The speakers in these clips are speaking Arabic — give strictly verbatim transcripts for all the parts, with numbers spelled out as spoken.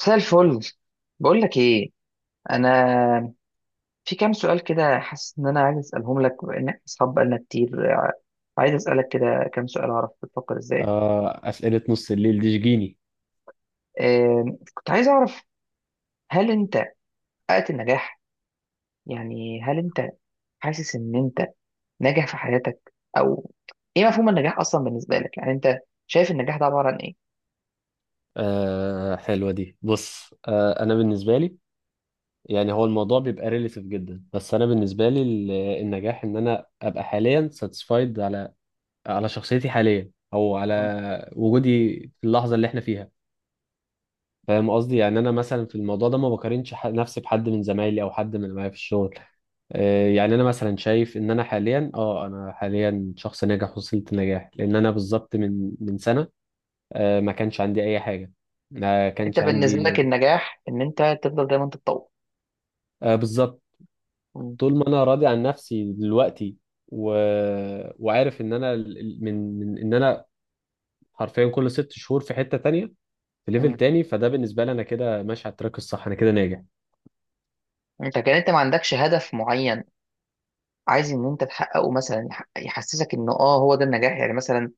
مساء الفل. بقول لك ايه، انا في كام سؤال كده حاسس ان انا عايز اسالهم لك بما ان احنا اصحاب بقالنا كتير. عايز اسالك كده كام سؤال اعرف بتفكر ازاي. آه، أسئلة نص الليل دي شجيني. آم، كنت عايز اعرف، هل انت حققت النجاح؟ يعني هل انت حاسس ان انت ناجح في حياتك؟ او ايه مفهوم النجاح اصلا بالنسبه لك؟ يعني انت شايف النجاح ده عباره عن ايه؟ آه حلوة دي. بص، آه أنا بالنسبة لي يعني هو الموضوع بيبقى ريليتيف جدا، بس أنا بالنسبة لي ال- النجاح إن أنا أبقى حاليا ساتسفايد على على شخصيتي حاليا أو مم. على وجودي في اللحظة اللي إحنا فيها. فاهم قصدي؟ يعني أنا مثلا في الموضوع ده ما بقارنش ح- نفسي بحد من زمايلي أو حد من اللي معايا في الشغل. آه، يعني انا مثلا شايف ان انا حاليا، اه انا حاليا شخص ناجح، وصلت نجاح لان انا بالظبط من من سنه آه، ما كانش عندي اي حاجه، ما انت كانش بالنسبه عندي. لك النجاح ان انت تفضل دايما تتطور. آه، بالظبط. م- طول ما انا راضي عن نفسي دلوقتي و... وعارف ان انا ال- ال- من... من ان انا حرفيا كل ست شهور في حته تانية، في ليفل م. تاني، فده بالنسبه لي انا كده ماشي على التراك الصح، انا كده ناجح. انت كان انت ما عندكش هدف معين عايز ان انت تحققه مثلا، يح- يحسسك انه اه هو ده النجاح يعني. مثلا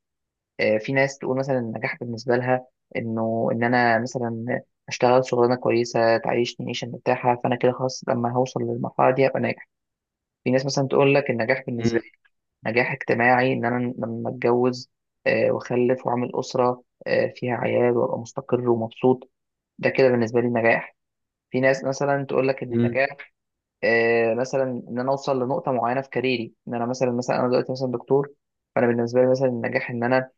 آه، في ناس تقول مثلا النجاح بالنسبه لها انه ان انا مثلا اشتغل شغلانه كويسه تعيشني عيشه مرتاحه، فانا كده خلاص لما هوصل للمرحله دي هبقى ناجح. في ناس مثلا تقول لك النجاح بالنسبه مم. لي نجاح اجتماعي، ان انا لما اتجوز آه، واخلف واعمل اسره آه، فيها عيال وابقى مستقر ومبسوط، ده كده بالنسبه لي نجاح. في ناس مثلا تقول لك ان مم. النجاح آه، مثلا ان انا اوصل لنقطه معينه في كاريري، ان انا مثلا مثلا انا دلوقتي مثلا دكتور، فانا بالنسبه لي مثلا النجاح ان انا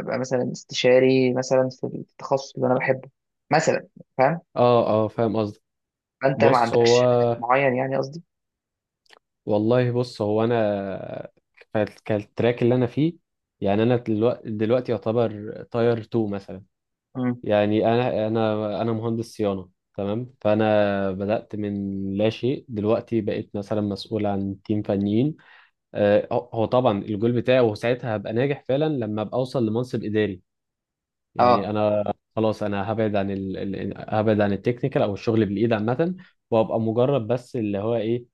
ابقى مثلا استشاري مثلا في التخصص اللي انا بحبه مثلا. فاهم؟ اه اه، فاهم قصدك. فانت ما بص، هو عندكش هدف معين يعني، قصدي. والله بص، هو انا كالتراك اللي انا فيه، يعني انا دلوقتي, دلوقتي يعتبر تاير اتنين مثلا. مم. يعني انا انا انا مهندس صيانه، تمام، فانا بدات من لا شيء، دلوقتي بقيت مثلا مسؤول عن تيم فنيين. آه، هو هو طبعا الجول بتاعي، وساعتها هبقى ناجح فعلا لما ابقى اوصل لمنصب اداري. اه، يعني انا خلاص انا هبعد عن ال... ال- هبعد عن التكنيكال او الشغل بالايد عامه، وابقى مجرد بس اللي هو ايه،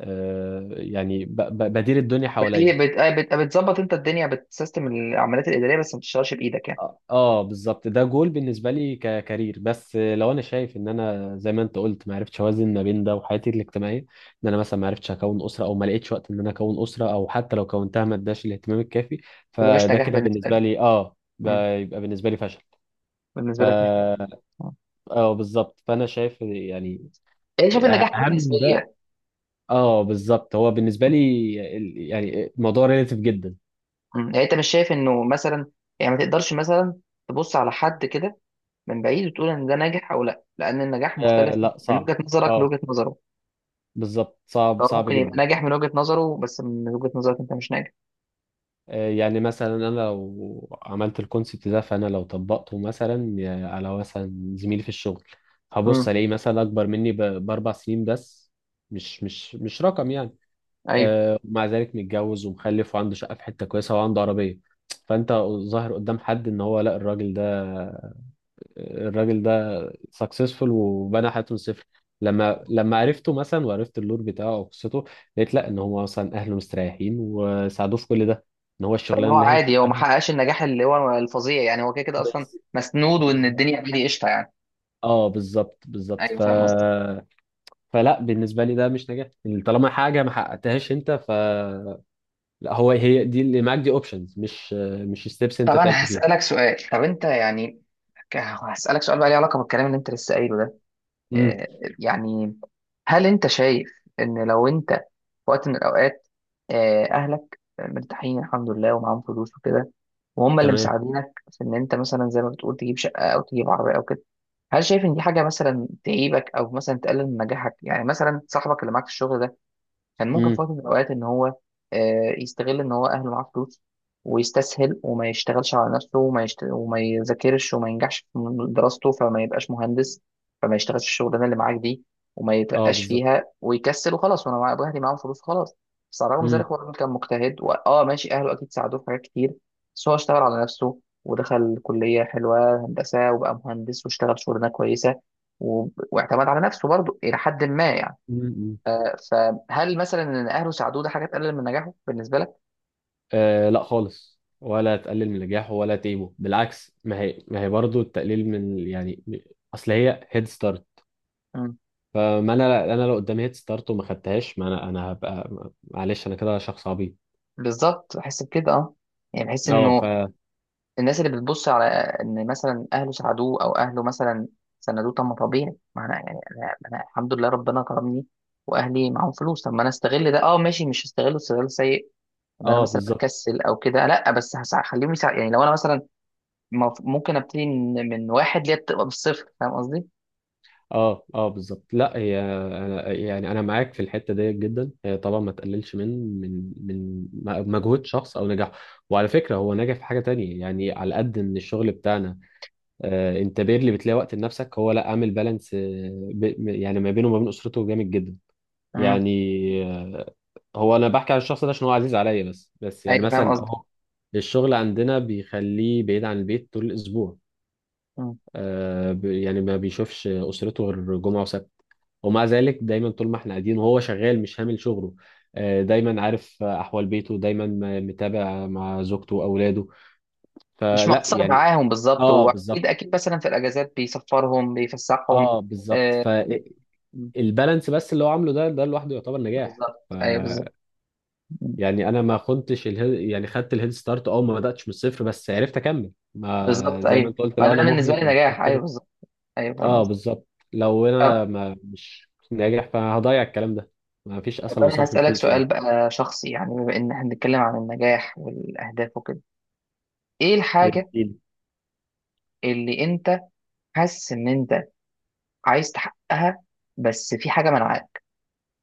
آه، يعني ب... ب- بدير الدنيا بت- حواليا. بت- آه، بت- بتظبط انت الدنيا بتسيستم العمليات الاداريه، بس ما بتشتغلش بايدك يعني. اه آه، بالظبط، ده جول بالنسبه لي ككارير، بس لو انا شايف ان انا زي ما انت قلت ما عرفتش اوازن ما بين ده وحياتي الاجتماعيه، ان انا مثلا ما عرفتش اكون اسره او ما لقيتش وقت ان انا اكون اسره، او حتى لو كونتها ما اداش الاهتمام الكافي، يبقى مش فده نجاح كده بالنسبه بالنسبه لك. لي اه ب- مم. يبقى بالنسبه لي فشل. ف بالنسبه لك مش نجاح. آه. اه بالظبط، فانا شايف يعني يعني شايف النجاح حاجه اهم بقى، نسبيه. اه بالظبط، هو بالنسبه لي ال- يعني الموضوع ريليتيف جدا. مم. يعني انت مش شايف انه مثلا يعني ما تقدرش مثلا تبص على حد كده من بعيد وتقول ان ده ناجح او لا، لان النجاح آه مختلف لا، من صعب. وجهة نظرك اه لوجهة نظره، بالظبط، صعب فهو صعب ممكن يبقى جدا. ناجح من وجهة نظره بس من وجهة نظرك انت مش ناجح. آه، يعني مثلا انا لو عملت الكونسبت ده، فانا لو طبقته مثلا آه، على مثلا زميلي في الشغل، امم. هبص الاقيه مثلا اكبر مني ب- باربع سنين بس، مش مش مش رقم يعني. ايوه، آه، مع ذلك متجوز ومخلف وعنده شقه في حته كويسه وعنده عربيه، فانت ظاهر قدام حد ان هو لا، الراجل ده الراجل ده سكسسفول وبنى حياته من الصفر. لما لما عرفته مثلا وعرفت اللور بتاعه او قصته، لقيت لا، ان هو مثلا اهله مستريحين وساعدوه في كل ده، ان هو فان الشغلانه هو اللي هي عادي، هو ما شغالها. حققش النجاح اللي هو الفظيع يعني، هو كده كده اصلا بز... مسنود، وان بالظبط، الدنيا عادي قشطه يعني. اه بالظبط بالظبط ايوه ف. فاهم قصدك. فلا بالنسبه لي ده مش نجاح، يعني طالما حاجه ما حققتهاش انت ف، لا، هو هي دي اللي معاك دي اوبشنز، مش مش ستيبس طب انت انا تعبت فيها. هسألك سؤال، طب انت يعني، ك- هسألك سؤال بقى ليه علاقة بالكلام اللي انت لسه قايله ده. امم. آه، يعني هل انت شايف ان لو انت في وقت من الاوقات آه، اهلك مرتاحين الحمد لله ومعاهم فلوس وكده، وهم اللي تمام. مساعدينك في ان انت مثلا زي ما بتقول تجيب شقه او تجيب عربيه او كده، هل شايف ان دي حاجه مثلا تعيبك او مثلا تقلل من نجاحك؟ يعني مثلا صاحبك اللي معاك في الشغل ده كان ممكن في امم. وقت من الأوقات إن هو آه، يستغل إن هو أهله معاه فلوس، ويستسهل وما يشتغلش على نفسه وما يشت... وما يذاكرش وما ينجحش في دراسته، فما يبقاش مهندس، فما يشتغلش في الشغلانة اللي معاك دي، وما اه يترقاش بالظبط. فيها ويكسل وخلاص وأنا مع أهلي معاهم فلوس خلاص. بس على الرغم من ذلك امم. هو الراجل كان مجتهد وآه ماشي، أهله أكيد ساعدوه في حاجات كتير بس هو اشتغل على نفسه، ودخل كلية حلوة هندسة وبقى مهندس واشتغل شغلانة كويسة، و... واعتمد على نفسه برضه إلى حد ما يعني. امم. امم. آه، فهل مثلا ان اهله ساعدوه ده حاجه تقلل من نجاحه بالنسبه لك؟ آه لا خالص، ولا تقلل من نجاحه ولا تيبه، بالعكس، ما هي ما هي برضه التقليل من يعني، اصل هي هيد ستارت. مم. فما انا انا لو قدامي هيد ستارت وما خدتهاش، ما انا انا هبقى، معلش انا كده شخص عبيط. بالظبط، بحس بكده اه، يعني بحس اه ف، انه الناس اللي بتبص على ان مثلا اهله ساعدوه او اهله مثلا سندوه. طب ما طبيعي ما انا يعني انا أنا الحمد لله ربنا كرمني واهلي معاهم فلوس، طب ما انا استغل ده، اه ماشي، مش هستغله استغلال سيء ان انا اه مثلا بالظبط، اكسل او كده لا، بس هسع- هخليهم يساعد يعني. لو انا مثلا مف- ممكن ابتدي من من واحد ليه بتبقى بالصفر، فاهم قصدي؟ اه اه بالظبط. لا هي أنا يعني انا معاك في الحته ديت جدا، هي طبعا ما تقللش من من من مجهود شخص او نجاحه. وعلى فكره هو نجح في حاجه تانية، يعني على قد ان الشغل بتاعنا آه، انت بيرلي بتلاقي وقت لنفسك، هو لا عامل بالانس، آه، ب- يعني ما بينه وما بين اسرته جامد جدا. مم. يعني آه، هو انا بحكي على الشخص ده عشان هو عزيز عليا، بس بس يعني ايوه فاهم مثلا قصدي. هو الشغل عندنا بيخليه بعيد عن البيت طول الاسبوع، آه، ب- يعني ما بيشوفش اسرته غير جمعه وسبت، ومع ذلك دايما طول ما احنا قاعدين وهو شغال مش هامل شغله، آه، دايما عارف احوال بيته، دايما م- متابع مع زوجته واولاده. مش فلا مقصر يعني معاهم بالظبط، اه واكيد بالظبط، اكيد مثلا في الاجازات بيسفرهم بيفسحهم. اه بالظبط. آه بي- البالانس بس اللي هو عامله ده، ده لوحده يعتبر نجاح. بالظبط، ف ايوه بالظبط. يعني انا ما كنتش الهيد، يعني خدت الهيد ستارت، اه ما بداتش من الصفر، بس عرفت اكمل، بالظبط، ما زي ما ايوه، انت قلت، ما لو ده انا بالنسبه مهمل لي او نجاح، ايوه مستهتر، بالظبط. ايوه فاهم اه قصدي. بالظبط، لو انا طب ما مش ناجح فهضيع الكلام ده. ما فيش طب اسهل من انا صرف هسالك الفلوس سؤال يعني. بقى شخصي، يعني بما ان احنا بنتكلم عن النجاح والاهداف وكده، ايه الحاجه الدين. اللي انت حاسس ان انت عايز تحققها بس في حاجه منعاك؟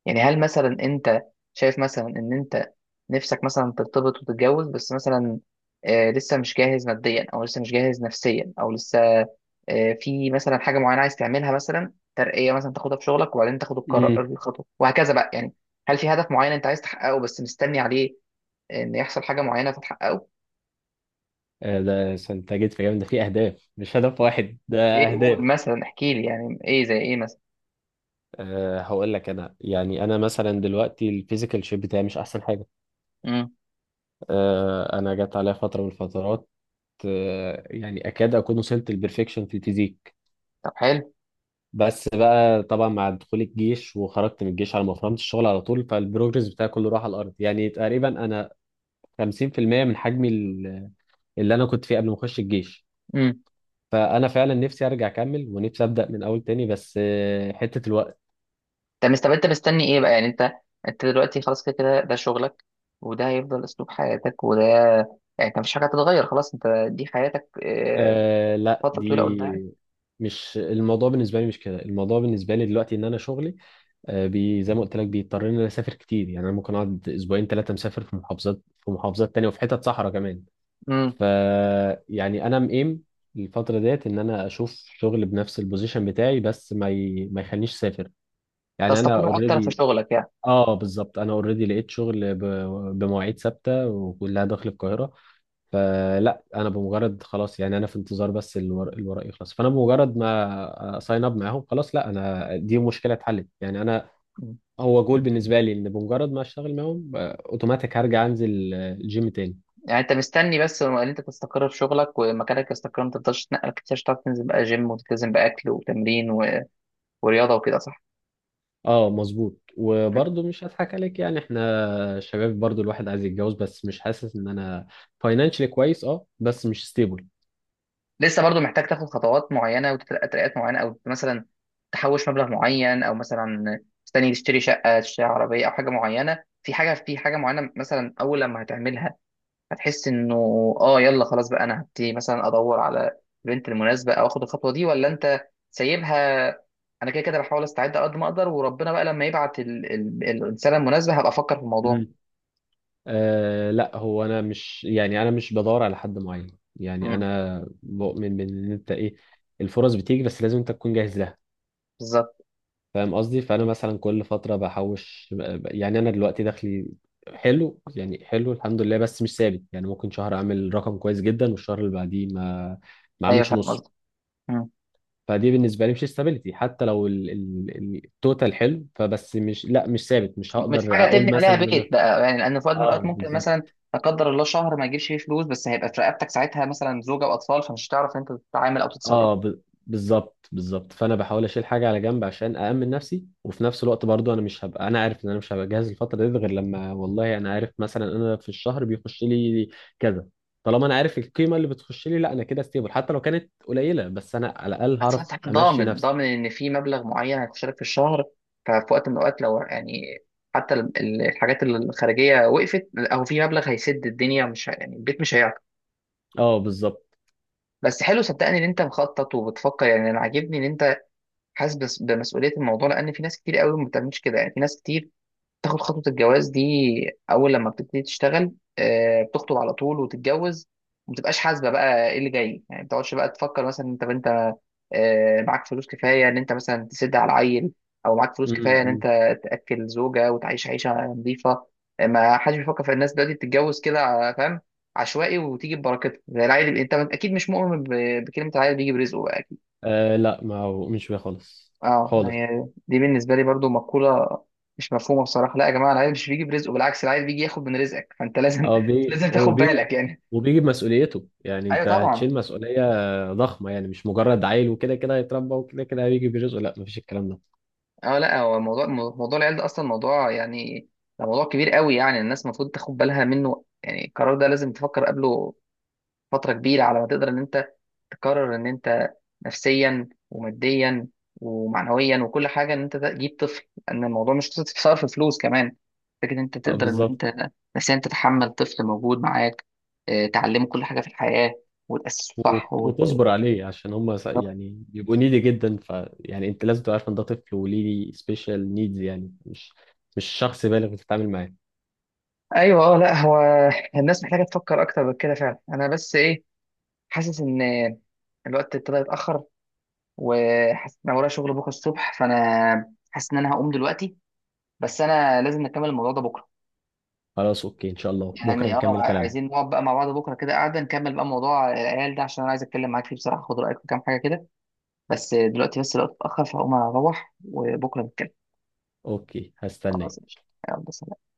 يعني هل مثلا انت شايف مثلا ان انت نفسك مثلا ترتبط وتتجوز، بس مثلا آه، لسه مش جاهز ماديا، او لسه مش جاهز نفسيا، او لسه آه، في مثلا حاجه معينه عايز تعملها مثلا، ترقيه مثلا تاخدها في شغلك وبعدين تاخد القرار امم. الخطوه وهكذا بقى يعني؟ هل في هدف معين انت عايز تحققه بس مستني عليه ان يحصل حاجه معينه فتحققه؟ آه، ده س- انت جيت في جامد، ده في اهداف مش هدف واحد ده، ايه، قول اهداف. مثلا، احكي لي يعني، ايه زي ايه مثلا؟ أه هقول لك، انا يعني انا مثلا دلوقتي الفيزيكال شيب بتاعي مش احسن حاجه. امم. أه انا جت عليا فتره من الفترات آه، يعني اكاد اكون وصلت للبرفكشن في الفيزيك، طب حلو. بس بقى طبعا مع دخول الجيش، وخرجت من الجيش على ما فهمت الشغل على طول، فالبروجرس بتاعي كله راح على الارض، يعني تقريبا انا خمسين في المية من حجمي ال- اللي انا كنت فيه قبل ما اخش الجيش. امم. فانا فعلا نفسي ارجع اكمل، ونفسي ابدا من اول تاني، بس آه، حته الوقت. طب مست- طب انت مستني ايه بقى؟ يعني انت انت دلوقتي خلاص كده كده ده شغلك، وده هيفضل اسلوب حياتك، وده يعني انت مفيش حاجه هتتغير خلاص، انت دي حياتك آه، آه لا فتره طويله قدام؟ دي، مش الموضوع بالنسبه لي مش كده، الموضوع بالنسبه لي دلوقتي ان انا شغلي آه، بي زي ما قلت لك بيضطرني اني اسافر كتير، يعني انا ممكن اقعد اسبوعين ثلاثه مسافر في محافظات، في محافظات تانية، وفي حتت صحراء كمان. امم. ف يعني انا مقيم الفتره ديت ان انا اشوف شغل بنفس البوزيشن بتاعي بس ما ي... ما يخلينيش اسافر، يعني انا تستقر اكتر في اوريدي. شغلك يعني. اه بالظبط، انا اوريدي لقيت شغل ب... بمواعيد ثابته وكلها داخل القاهره. فلا انا بمجرد خلاص، يعني انا في انتظار بس الورق، الورق يخلص، فانا بمجرد ما ساين اب معاهم خلاص، لا انا دي مشكله اتحلت يعني انا، مم. هو جول بالنسبه لي ان بمجرد ما اشتغل معاهم آه، اوتوماتيك هرجع انزل آه، الجيم تاني. يعني انت مستني بس ان انت تستقر في شغلك ومكانك يستقر، ما تفضلش تتنقل كتير، عشان تعرف تنزل بقى جيم وتلتزم باكل وتمرين و- ورياضه وكده، صح؟ اه مظبوط، وبرضه مش هضحك عليك، يعني احنا شباب برضه، الواحد عايز يتجوز، بس مش حاسس ان انا فاينانشلي كويس، اه بس مش ستيبل. لسه برضو محتاج تاخد خطوات معينه وترقيات معينه، او مثلا تحوش مبلغ معين، او مثلا مستني تشتري شقه تشتري عربيه، او حاجه معينه في حاجه في حاجه معينه مثلا اول لما هتعملها هتحس انه اه يلا خلاص بقى، انا هبتدي مثلا ادور على البنت المناسبه او اخد الخطوه دي، ولا انت سايبها انا كده كده بحاول استعد على قد ما اقدر، وربنا بقى لما يبعت ال- ال- الانسانه المناسبه هبقى افكر في الموضوع؟ مم. آه لا، هو انا مش، يعني انا مش بدور على حد معين، يعني امم. انا بؤمن بان انت ايه، الفرص بتيجي بس لازم انت تكون جاهز لها. بالظبط، فاهم قصدي؟ فانا مثلا كل فتره بحوش، يعني انا دلوقتي دخلي حلو، يعني حلو الحمد لله، بس مش ثابت، يعني ممكن شهر اعمل رقم كويس جدا، والشهر اللي بعديه ما ما ايوه اعملش فاهم نص. قصدك. فدي بالنسبه لي مش استابيليتي، حتى لو ال- ال- ال- التوتال حلو، فبس مش، لا مش ثابت، مش مش هقدر حاجه اقول تبني عليها مثلا ان انا بيت بقى يعني، لان في وقت من اه الاوقات ممكن مثلا، بالظبط، لا قدر الله، شهر ما يجيبش فيه فلوس، بس هيبقى في رقبتك ساعتها مثلا زوجه واطفال، فمش هتعرف انت تتعامل او تتصرف. اه ب... بالظبط بالظبط فانا بحاول اشيل حاجه على جنب عشان اامن نفسي، وفي نفس الوقت برضو انا مش هبقى، انا عارف ان انا مش هبقى جاهز الفتره دي غير لما، والله انا عارف مثلا انا في الشهر بيخش لي كذا، طالما انا عارف القيمه اللي بتخش لي، لا انا كده ستيبل، حتى لو كانت قليله بس انا على الاقل بس هعرف انت امشي ضامن نفسي. ضامن ان في مبلغ معين هيخش لك في الشهر، ففي وقت من الاوقات لو يعني حتى ال- ال- الحاجات الخارجيه وقفت، او في مبلغ هيسد الدنيا مش ه- يعني البيت مش هيعطل. اه بالظبط. بس حلو، صدقني ان انت مخطط وبتفكر، يعني انا عاجبني ان انت حاسس بس- بمسؤوليه الموضوع، لان في ناس كتير قوي ما بتعملش كده، يعني في ناس كتير تاخد خطوة الجواز دي أول لما بتبتدي تشتغل، آه، بتخطب على طول وتتجوز، ومتبقاش حاسبة بقى إيه اللي جاي، يعني ما بتقعدش بقى تفكر، مثلا أنت أنت آه، معاك فلوس كفاية إن أنت مثلا تسد على عيل، أو معاك م- فلوس م- كفاية إن أنت م. تأكل زوجة وتعيش عيشة نظيفة. آه، ما حدش بيفكر، في الناس دلوقتي بتتجوز كده ع- فاهم، عشوائي وتيجي ببركتها زي العيل. أنت أكيد مش مؤمن ب- بكلمة العيل بيجي برزقه؟ آه لا ما هو مش بيه خالص، اه، ما خالص. هي دي بالنسبه لي برضو مقوله مش مفهومه بصراحه. لا يا جماعه، العيل مش بيجي برزقه، بالعكس العيل بيجي ياخد من رزقك، فانت لازم اه بيجي، لازم تاخد وبيجي بالك يعني. وبيجي بمسؤوليته، يعني ايوه انت طبعا. هتشيل مسؤولية ضخمة، يعني مش مجرد عيل وكده كده هيتربى وكده كده هيجي برزقه، لا، مفيش الكلام ده. اه لا، هو موضوع موضوع العيال ده اصلا موضوع يعني، ده موضوع كبير قوي، يعني الناس المفروض تاخد بالها منه، يعني القرار ده لازم تفكر قبله فترة كبيرة على ما تقدر إن أنت تقرر إن أنت نفسيا وماديا ومعنويا وكل حاجة إن أنت تجيب طفل، لأن الموضوع مش قصة في فلوس كمان، فكرة إن أنت اه تقدر إن بالظبط. أنت نفسيا تتحمل طفل موجود معاك، آه، تعلمه كل حاجة في الحياة وتأسسه صح وت- وت... وتصبر عليه، عشان هم س- طب- يعني بيبقوا نيدي جدا، ف يعني انت لازم تبقى عارف ان ده طفل وليه سبيشال نيدز، يعني مش مش شخص بالغ بتتعامل معاه. أيوه. أه لا، هو الناس محتاجة تفكر أكتر من كده فعلا. أنا بس إيه، حاسس إن الوقت ابتدى يتأخر، وحاسس إن أنا ورايا شغل بكرة الصبح، فأنا حاسس إن أنا هقوم دلوقتي، بس انا لازم نكمل الموضوع ده بكره. خلاص اوكي، ان شاء الله بكرة يعني اه نكمل كلامنا. عايزين نقعد بقى مع بعض بكره كده، قاعده نكمل بقى موضوع العيال ده، عشان انا عايز اتكلم معاك فيه بصراحه، خد رايك في كام حاجه كده، بس دلوقتي بس الوقت اتاخر، فهقوم اروح وبكره نتكلم. اوكي هستناك. خلاص قشطة. يلا سلام.